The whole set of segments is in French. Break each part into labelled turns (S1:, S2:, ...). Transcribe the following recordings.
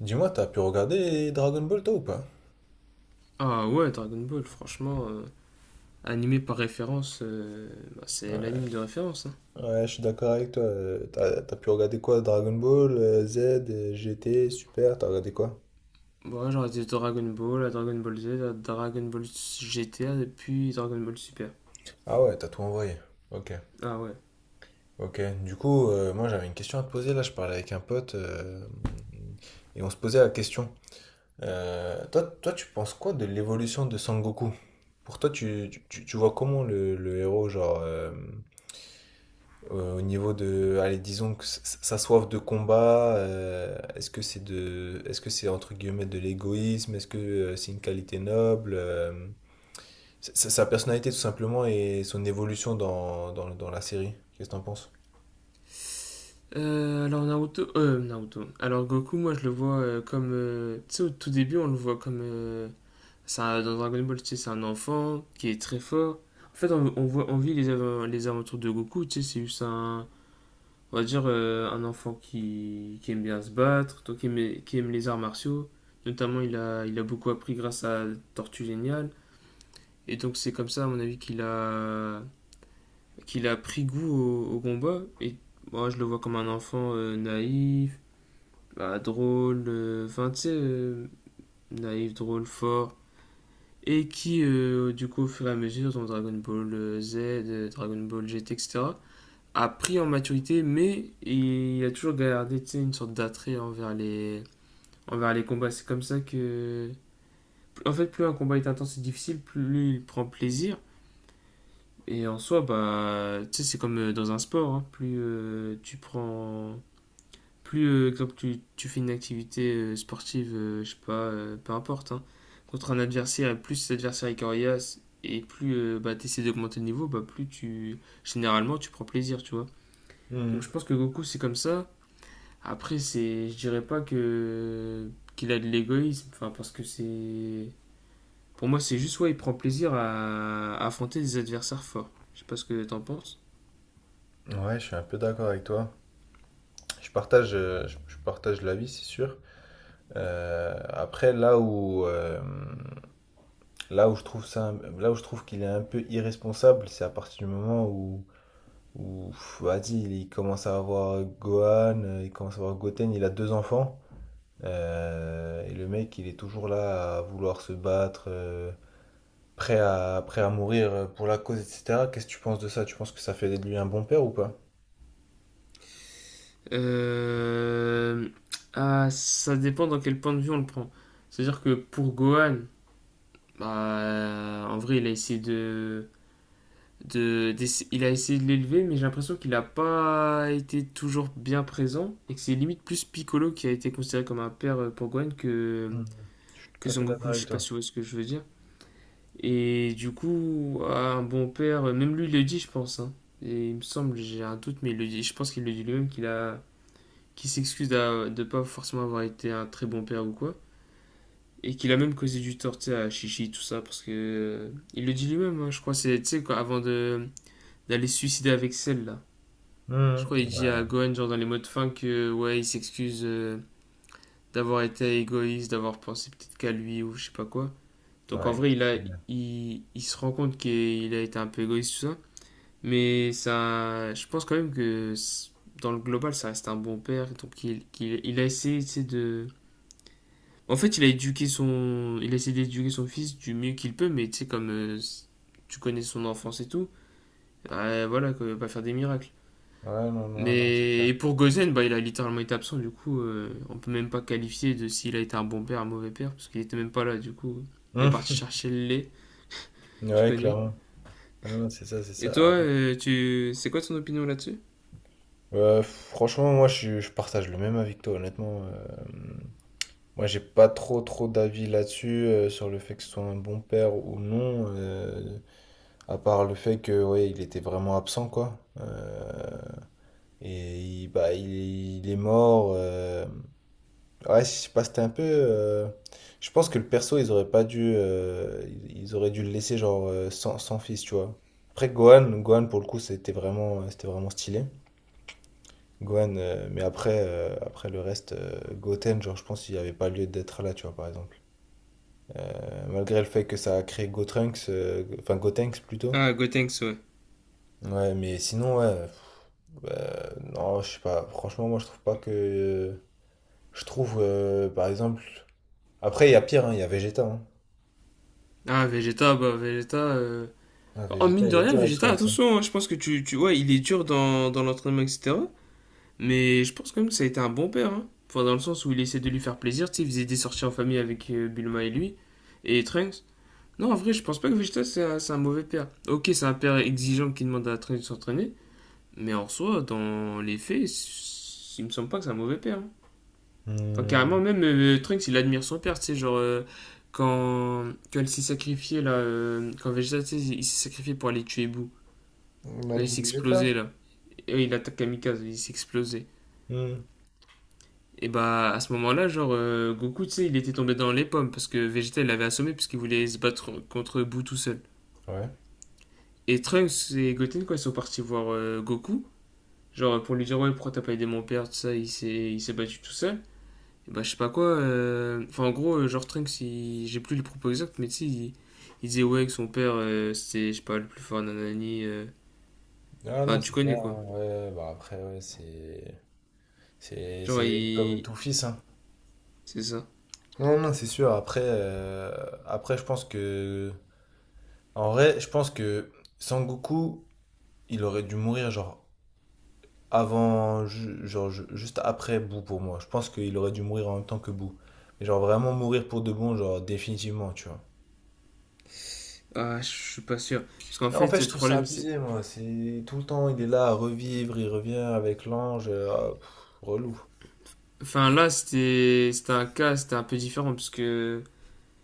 S1: Dis-moi, t'as pu regarder Dragon Ball toi ou pas?
S2: Ah ouais, Dragon Ball, franchement, animé par référence, c'est
S1: Ouais.
S2: l'anime de référence. Hein.
S1: Ouais, je suis d'accord avec toi. T'as, t'as pu regarder quoi? Dragon Ball, Z, GT, Super, t'as regardé quoi?
S2: Ouais, j'aurais dit Dragon Ball, à Dragon Ball Z, à Dragon Ball GTA, et puis Dragon Ball Super.
S1: Ah ouais, t'as tout envoyé. Ok.
S2: Ah ouais.
S1: Ok. Du coup, moi j'avais une question à te poser là, je parlais avec un pote et on se posait la question. Tu penses quoi de l'évolution de Sangoku? Pour toi, tu vois comment le héros, genre. Au niveau de, allez, disons que sa soif de combat, est-ce que est-ce que c'est entre guillemets de l'égoïsme? Est-ce que c'est une qualité noble? Sa, sa personnalité tout simplement et son évolution dans la série. Qu'est-ce que t'en penses?
S2: Alors Naruto, Naruto. Alors Goku, moi je le vois comme, tu sais, au tout début, on le voit comme dans Dragon Ball, tu sais, c'est un enfant qui est très fort. En fait, on voit, on vit les aventures de Goku, tu sais, on va dire un enfant qui aime bien se battre, toi qui aime les arts martiaux. Notamment, il a beaucoup appris grâce à Tortue Géniale. Et donc, c'est comme ça, à mon avis, qu'il a pris goût au combat. Et moi, je le vois comme un enfant naïf, drôle, naïf, drôle, fort. Et qui, du coup, au fur et à mesure, dans Dragon Ball Z, Dragon Ball GT, etc., a pris en maturité, mais il a toujours gardé une sorte d'attrait envers les combats. C'est comme ça que. En fait, plus un combat est intense et difficile, plus il prend plaisir. Et en soi, bah, tu sais, c'est comme dans un sport, hein. Plus tu prends. Plus, exemple, tu fais une activité sportive, je sais pas, peu importe, hein, contre un adversaire, et plus cet adversaire est coriace, et plus tu essaies d'augmenter le niveau, bah, plus tu. Généralement, tu prends plaisir, tu vois. Donc je
S1: Mhm.
S2: pense que Goku, c'est comme ça. Après, je dirais pas que qu'il a de l'égoïsme, enfin parce que c'est, pour moi, c'est juste ouais, il prend plaisir à affronter des adversaires forts. Je sais pas ce que t'en penses.
S1: Ouais, je suis un peu d'accord avec toi. Je partage, je partage l'avis, c'est sûr. Euh, après, là où, euh, là où je trouve qu'il est un peu irresponsable, c'est à partir du moment où Ouf, vas-y, il commence à avoir Gohan, il commence à avoir Goten, il a deux enfants. Et le mec, il est toujours là à vouloir se battre, prêt à, prêt à mourir pour la cause, etc. Qu'est-ce que tu penses de ça? Tu penses que ça fait de lui un bon père ou pas?
S2: Euh, ça dépend dans quel point de vue on le prend. C'est-à-dire que pour Gohan, bah, en vrai, il a essayé de l'élever, mais j'ai l'impression qu'il n'a pas été toujours bien présent et que c'est limite plus Piccolo qui a été considéré comme un père pour Gohan
S1: Mhm. Je suis
S2: que
S1: tout à
S2: Son
S1: fait d'accord
S2: Goku, je
S1: avec
S2: sais pas
S1: toi.
S2: si vous voyez ce que je veux dire. Et du coup, ah, un bon père, même lui il le dit, je pense, hein. Et il me semble, j'ai un doute, mais il le dit. Je pense qu'il le dit lui-même qu'il s'excuse de ne pas forcément avoir été un très bon père ou quoi, et qu'il a même causé du tort, tu sais, à Chichi tout ça, parce que il le dit lui-même, hein, je crois, c'est, tu sais, quoi, avant de d'aller se suicider avec celle là. Je
S1: Mhm.
S2: crois il dit à
S1: Ouais,
S2: Gohan genre dans les mots de fin que ouais, il s'excuse d'avoir été égoïste, d'avoir pensé peut-être qu'à lui ou je sais pas quoi. Donc en
S1: ouais,
S2: vrai,
S1: exceptionnel.
S2: il se rend compte qu'il a été un peu égoïste, tout ça. Mais ça, je pense quand même que dans le global, ça reste un bon père. Donc il a essayé, tu sais, de… En fait, il a essayé d'éduquer son fils du mieux qu'il peut, mais tu sais, comme tu connais son enfance et tout, voilà, qu'il ne va pas faire des miracles.
S1: Ouais, non, non, non, c'est
S2: Mais
S1: clair.
S2: et pour Gozen, bah, il a littéralement été absent, du coup, on peut même pas qualifier de s'il a été un bon père, un mauvais père, parce qu'il était même pas là, du coup. Il est parti
S1: Mhm.
S2: chercher le lait, tu
S1: Ouais,
S2: connais.
S1: clairement. Non, non, c'est ça, c'est
S2: Et
S1: ça. Ah
S2: toi,
S1: bon.
S2: tu… c'est quoi ton opinion là-dessus?
S1: Franchement, moi, je partage le même avis que toi, honnêtement. Moi, j'ai pas trop trop d'avis là-dessus, sur le fait que ce soit un bon père ou non, à part le fait que ouais, il était vraiment absent quoi. Et il, bah, il, il est mort. Ouais, je sais pas, c'était un peu. Je pense que le perso, ils auraient pas dû, ils auraient dû le laisser genre sans, sans fils, tu vois. Après Gohan, Gohan pour le coup, c'était vraiment stylé. Gohan, mais après, après le reste, Goten, genre je pense qu'il n'y avait pas lieu d'être là, tu vois, par exemple. Malgré le fait que ça a créé Gotrunks, enfin Gotenks plutôt.
S2: Ah, Gotenks, ouais.
S1: Ouais, mais sinon, ouais, pff, bah, non, je sais pas. Franchement, moi, je trouve pas que. Je trouve, par exemple. Après, il y a pire, hein, il y a Vegeta. Hein.
S2: Ah, Vegeta…
S1: Ah,
S2: Oh,
S1: Vegeta,
S2: mine de
S1: il est
S2: rien,
S1: dur avec
S2: Vegeta,
S1: Trunks. Hein.
S2: attention, hein, je pense que tu… Ouais, il est dur dans, dans l'entraînement, etc. Mais je pense quand même que ça a été un bon père, hein. Enfin, dans le sens où il essaie de lui faire plaisir, tu sais, il faisait des sorties en famille avec Bulma et lui, et Trunks. Non, en vrai, je pense pas que c'est un mauvais père. Ok, c'est un père exigeant qui demande à Trunks de s'entraîner, mais en soi, dans les faits, il me semble pas que c'est un mauvais père, hein. Enfin, carrément,
S1: Hmm.
S2: même Trunks, il admire son père, tu sais, genre, quand il s'est sacrifié, là, quand Vegeta, tu sais, il s'est sacrifié pour aller tuer Boo, quand il
S1: Imagine
S2: s'est explosé,
S1: Vegeta.
S2: là, et il attaque Kamikaze, il s'est explosé.
S1: Hmm.
S2: Et bah, à ce moment-là, genre, Goku, tu sais, il était tombé dans les pommes, parce que Vegeta, il l'avait assommé, puisqu'il voulait se battre contre Boo tout seul.
S1: Ouais.
S2: Et Trunks et Goten, quand ils sont partis voir Goku, genre, pour lui dire, ouais, pourquoi t'as pas aidé mon père, tout ça, il s'est battu tout seul. Bah, je sais pas quoi. Enfin, en gros, genre j'ai plus les propos exacts, mais tu sais, il… il disait ouais que son père, c'était, je sais pas, le plus fort nanani.
S1: Ah non,
S2: Enfin, tu
S1: c'est
S2: connais
S1: clair.
S2: quoi.
S1: Hein. Ouais, bah après, ouais, c'est.
S2: Genre,
S1: C'est comme
S2: il.
S1: tout fils, hein.
S2: C'est ça.
S1: Non, non, c'est sûr. Je pense que. En vrai, je pense que Sangoku. Il aurait dû mourir genre avant, juste après Boo pour moi. Je pense qu'il aurait dû mourir en même temps que Boo. Mais genre vraiment mourir pour de bon, genre définitivement, tu vois.
S2: Ah, je suis pas sûr. Parce qu'en
S1: En fait,
S2: fait,
S1: je
S2: le
S1: trouve ça
S2: problème, c'est.
S1: abusé, moi. C'est tout le temps, il est là à revivre, il revient avec l'ange. Ah, pff, relou.
S2: Enfin, là, c'était un cas, c'était un peu différent, parce que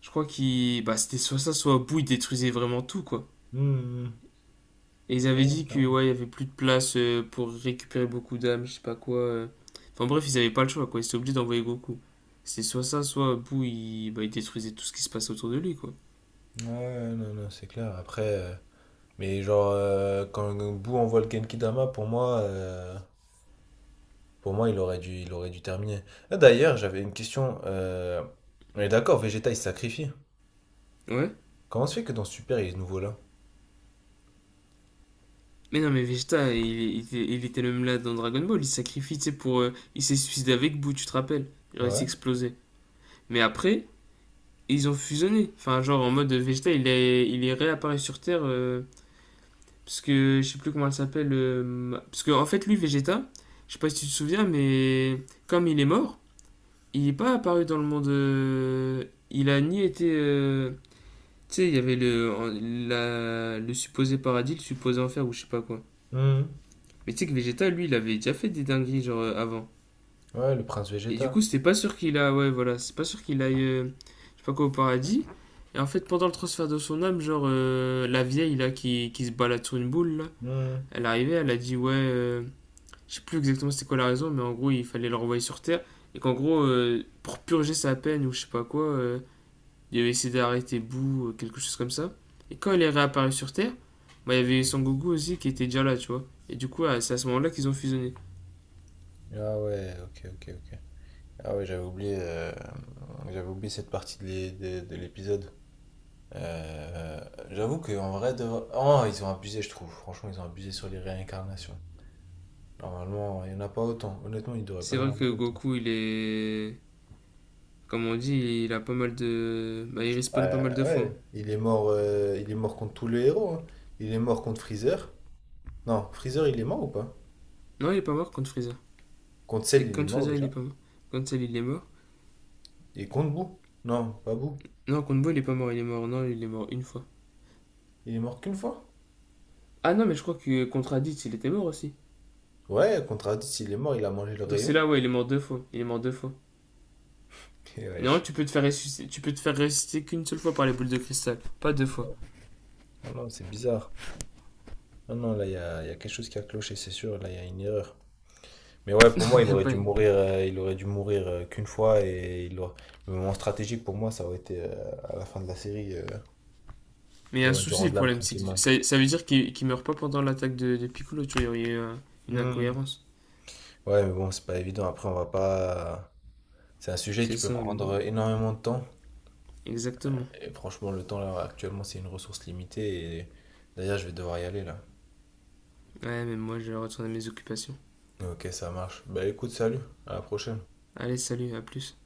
S2: je crois qu'il. Bah, c'était soit ça, soit au bout, il détruisait vraiment tout, quoi.
S1: Hmm.
S2: Et ils avaient
S1: Ouais,
S2: dit que
S1: carrément.
S2: ouais, il y avait plus de place pour récupérer beaucoup d'âmes, je sais pas quoi. Enfin bref, ils avaient pas le choix quoi, ils étaient obligés d'envoyer Goku. C'est soit ça, soit Boo il, bah, il détruisait tout ce qui se passait autour de lui quoi.
S1: Ouais, non, non, c'est clair. Mais genre, quand Boo envoie le Genkidama, pour moi, il aurait dû terminer. Ah, d'ailleurs, j'avais une question. On est d'accord, Vegeta, il se sacrifie.
S2: Ouais.
S1: Comment se fait que dans Super, il est nouveau là?
S2: Mais non mais il était le même là dans Dragon Ball, il se sacrifie, tu sais, pour il s'est suicidé avec Boo, tu te rappelles?
S1: Ah
S2: Genre il s'est
S1: ouais.
S2: explosé. Mais après, ils ont fusionné. Enfin genre en mode Vegeta, il est réapparu sur Terre. Parce que je sais plus comment elle s'appelle. Parce que en fait, lui, Vegeta, je sais pas si tu te souviens, mais comme il est mort, il n'est pas apparu dans le monde. Il a ni été. Tu sais, il y avait le supposé paradis, le supposé enfer ou je sais pas quoi.
S1: Mhm.
S2: Mais tu sais que Vegeta, lui, il avait déjà fait des dingueries genre avant.
S1: Ouais, le prince
S2: Et du
S1: Vegeta.
S2: coup, c'était pas sûr qu'il a. Ouais, voilà, c'est pas sûr qu'il aille. Je sais pas quoi au paradis. Et en fait, pendant le transfert de son âme, genre la vieille là qui se balade sur une boule là.
S1: Mhm.
S2: Elle arrivait, elle a dit ouais, je sais plus exactement c'était quoi la raison, mais en gros, il fallait le renvoyer sur Terre. Et qu'en gros, pour purger sa peine ou je sais pas quoi, il avait essayé d'arrêter Boo, quelque chose comme ça. Et quand il est réapparu sur Terre, bah, il y avait Son Goku aussi qui était déjà là, tu vois. Et du coup, ah, c'est à ce moment-là qu'ils ont fusionné.
S1: Ah ouais, ok, ok, ok. Ah ouais, j'avais oublié cette partie de de l'épisode. Euh, j'avoue qu'en vrai, de... oh, ils ont abusé, je trouve. Franchement, ils ont abusé sur les réincarnations. Normalement, il n'y en a pas autant. Honnêtement, il devrait pas
S2: C'est
S1: y en
S2: vrai que
S1: avoir autant.
S2: Goku, il est. Comme on dit, il a pas mal de. Bah, il
S1: Ouais,
S2: respawn pas mal de fois.
S1: ouais. Il est mort contre tous les héros. Hein. Il est mort contre Freezer. Non, Freezer, il est mort ou pas?
S2: Non, il est pas mort contre Freezer.
S1: Contre
S2: Et
S1: Cell, il est
S2: contre
S1: mort
S2: Freezer, il est
S1: déjà.
S2: pas mort. Contre celle, il est mort.
S1: Et contre Boo. Non, pas Boo.
S2: Non, contre Boo, il est pas mort, il est mort. Non, il est mort une fois.
S1: Il est mort qu'une fois?
S2: Ah non, mais je crois que contre Raditz, il était mort aussi.
S1: Ouais, contre Raditz, il est mort, il a mangé le
S2: Donc c'est
S1: rayon.
S2: là, ouais, il est mort deux fois. Il est mort deux fois.
S1: Et
S2: Non,
S1: wesh.
S2: tu peux te faire ressusciter, tu peux te faire ressusciter qu'une seule fois par les boules de cristal. Pas deux fois.
S1: Non, non, c'est bizarre. Non, non, là, il y a quelque chose qui a cloché, c'est sûr. Là, il y a une erreur. Mais ouais, pour moi, il aurait dû mourir, il aurait dû mourir qu'une fois. Et il aurait- le moment stratégique, pour moi, ça aurait été à la fin de la série.
S2: Mais il y
S1: Il
S2: a un
S1: aurait dû
S2: souci, le
S1: rendre l'âme
S2: problème, c'est que
S1: tranquillement.
S2: ça veut dire qu'il meurt pas pendant l'attaque de Piccolo, tu vois, il y aurait eu une
S1: Hmm.
S2: incohérence.
S1: Ouais, mais bon, c'est pas évident. Après, on va pas. C'est un sujet
S2: C'est
S1: qui peut
S2: ça,
S1: prendre énormément de temps.
S2: exactement.
S1: Et franchement, le temps, là, actuellement, c'est une ressource limitée. Et d'ailleurs, je vais devoir y aller, là.
S2: Ouais, mais moi, je vais retourner à mes occupations.
S1: Ok, ça marche. Bah écoute, salut, à la prochaine.
S2: Allez, salut, à plus.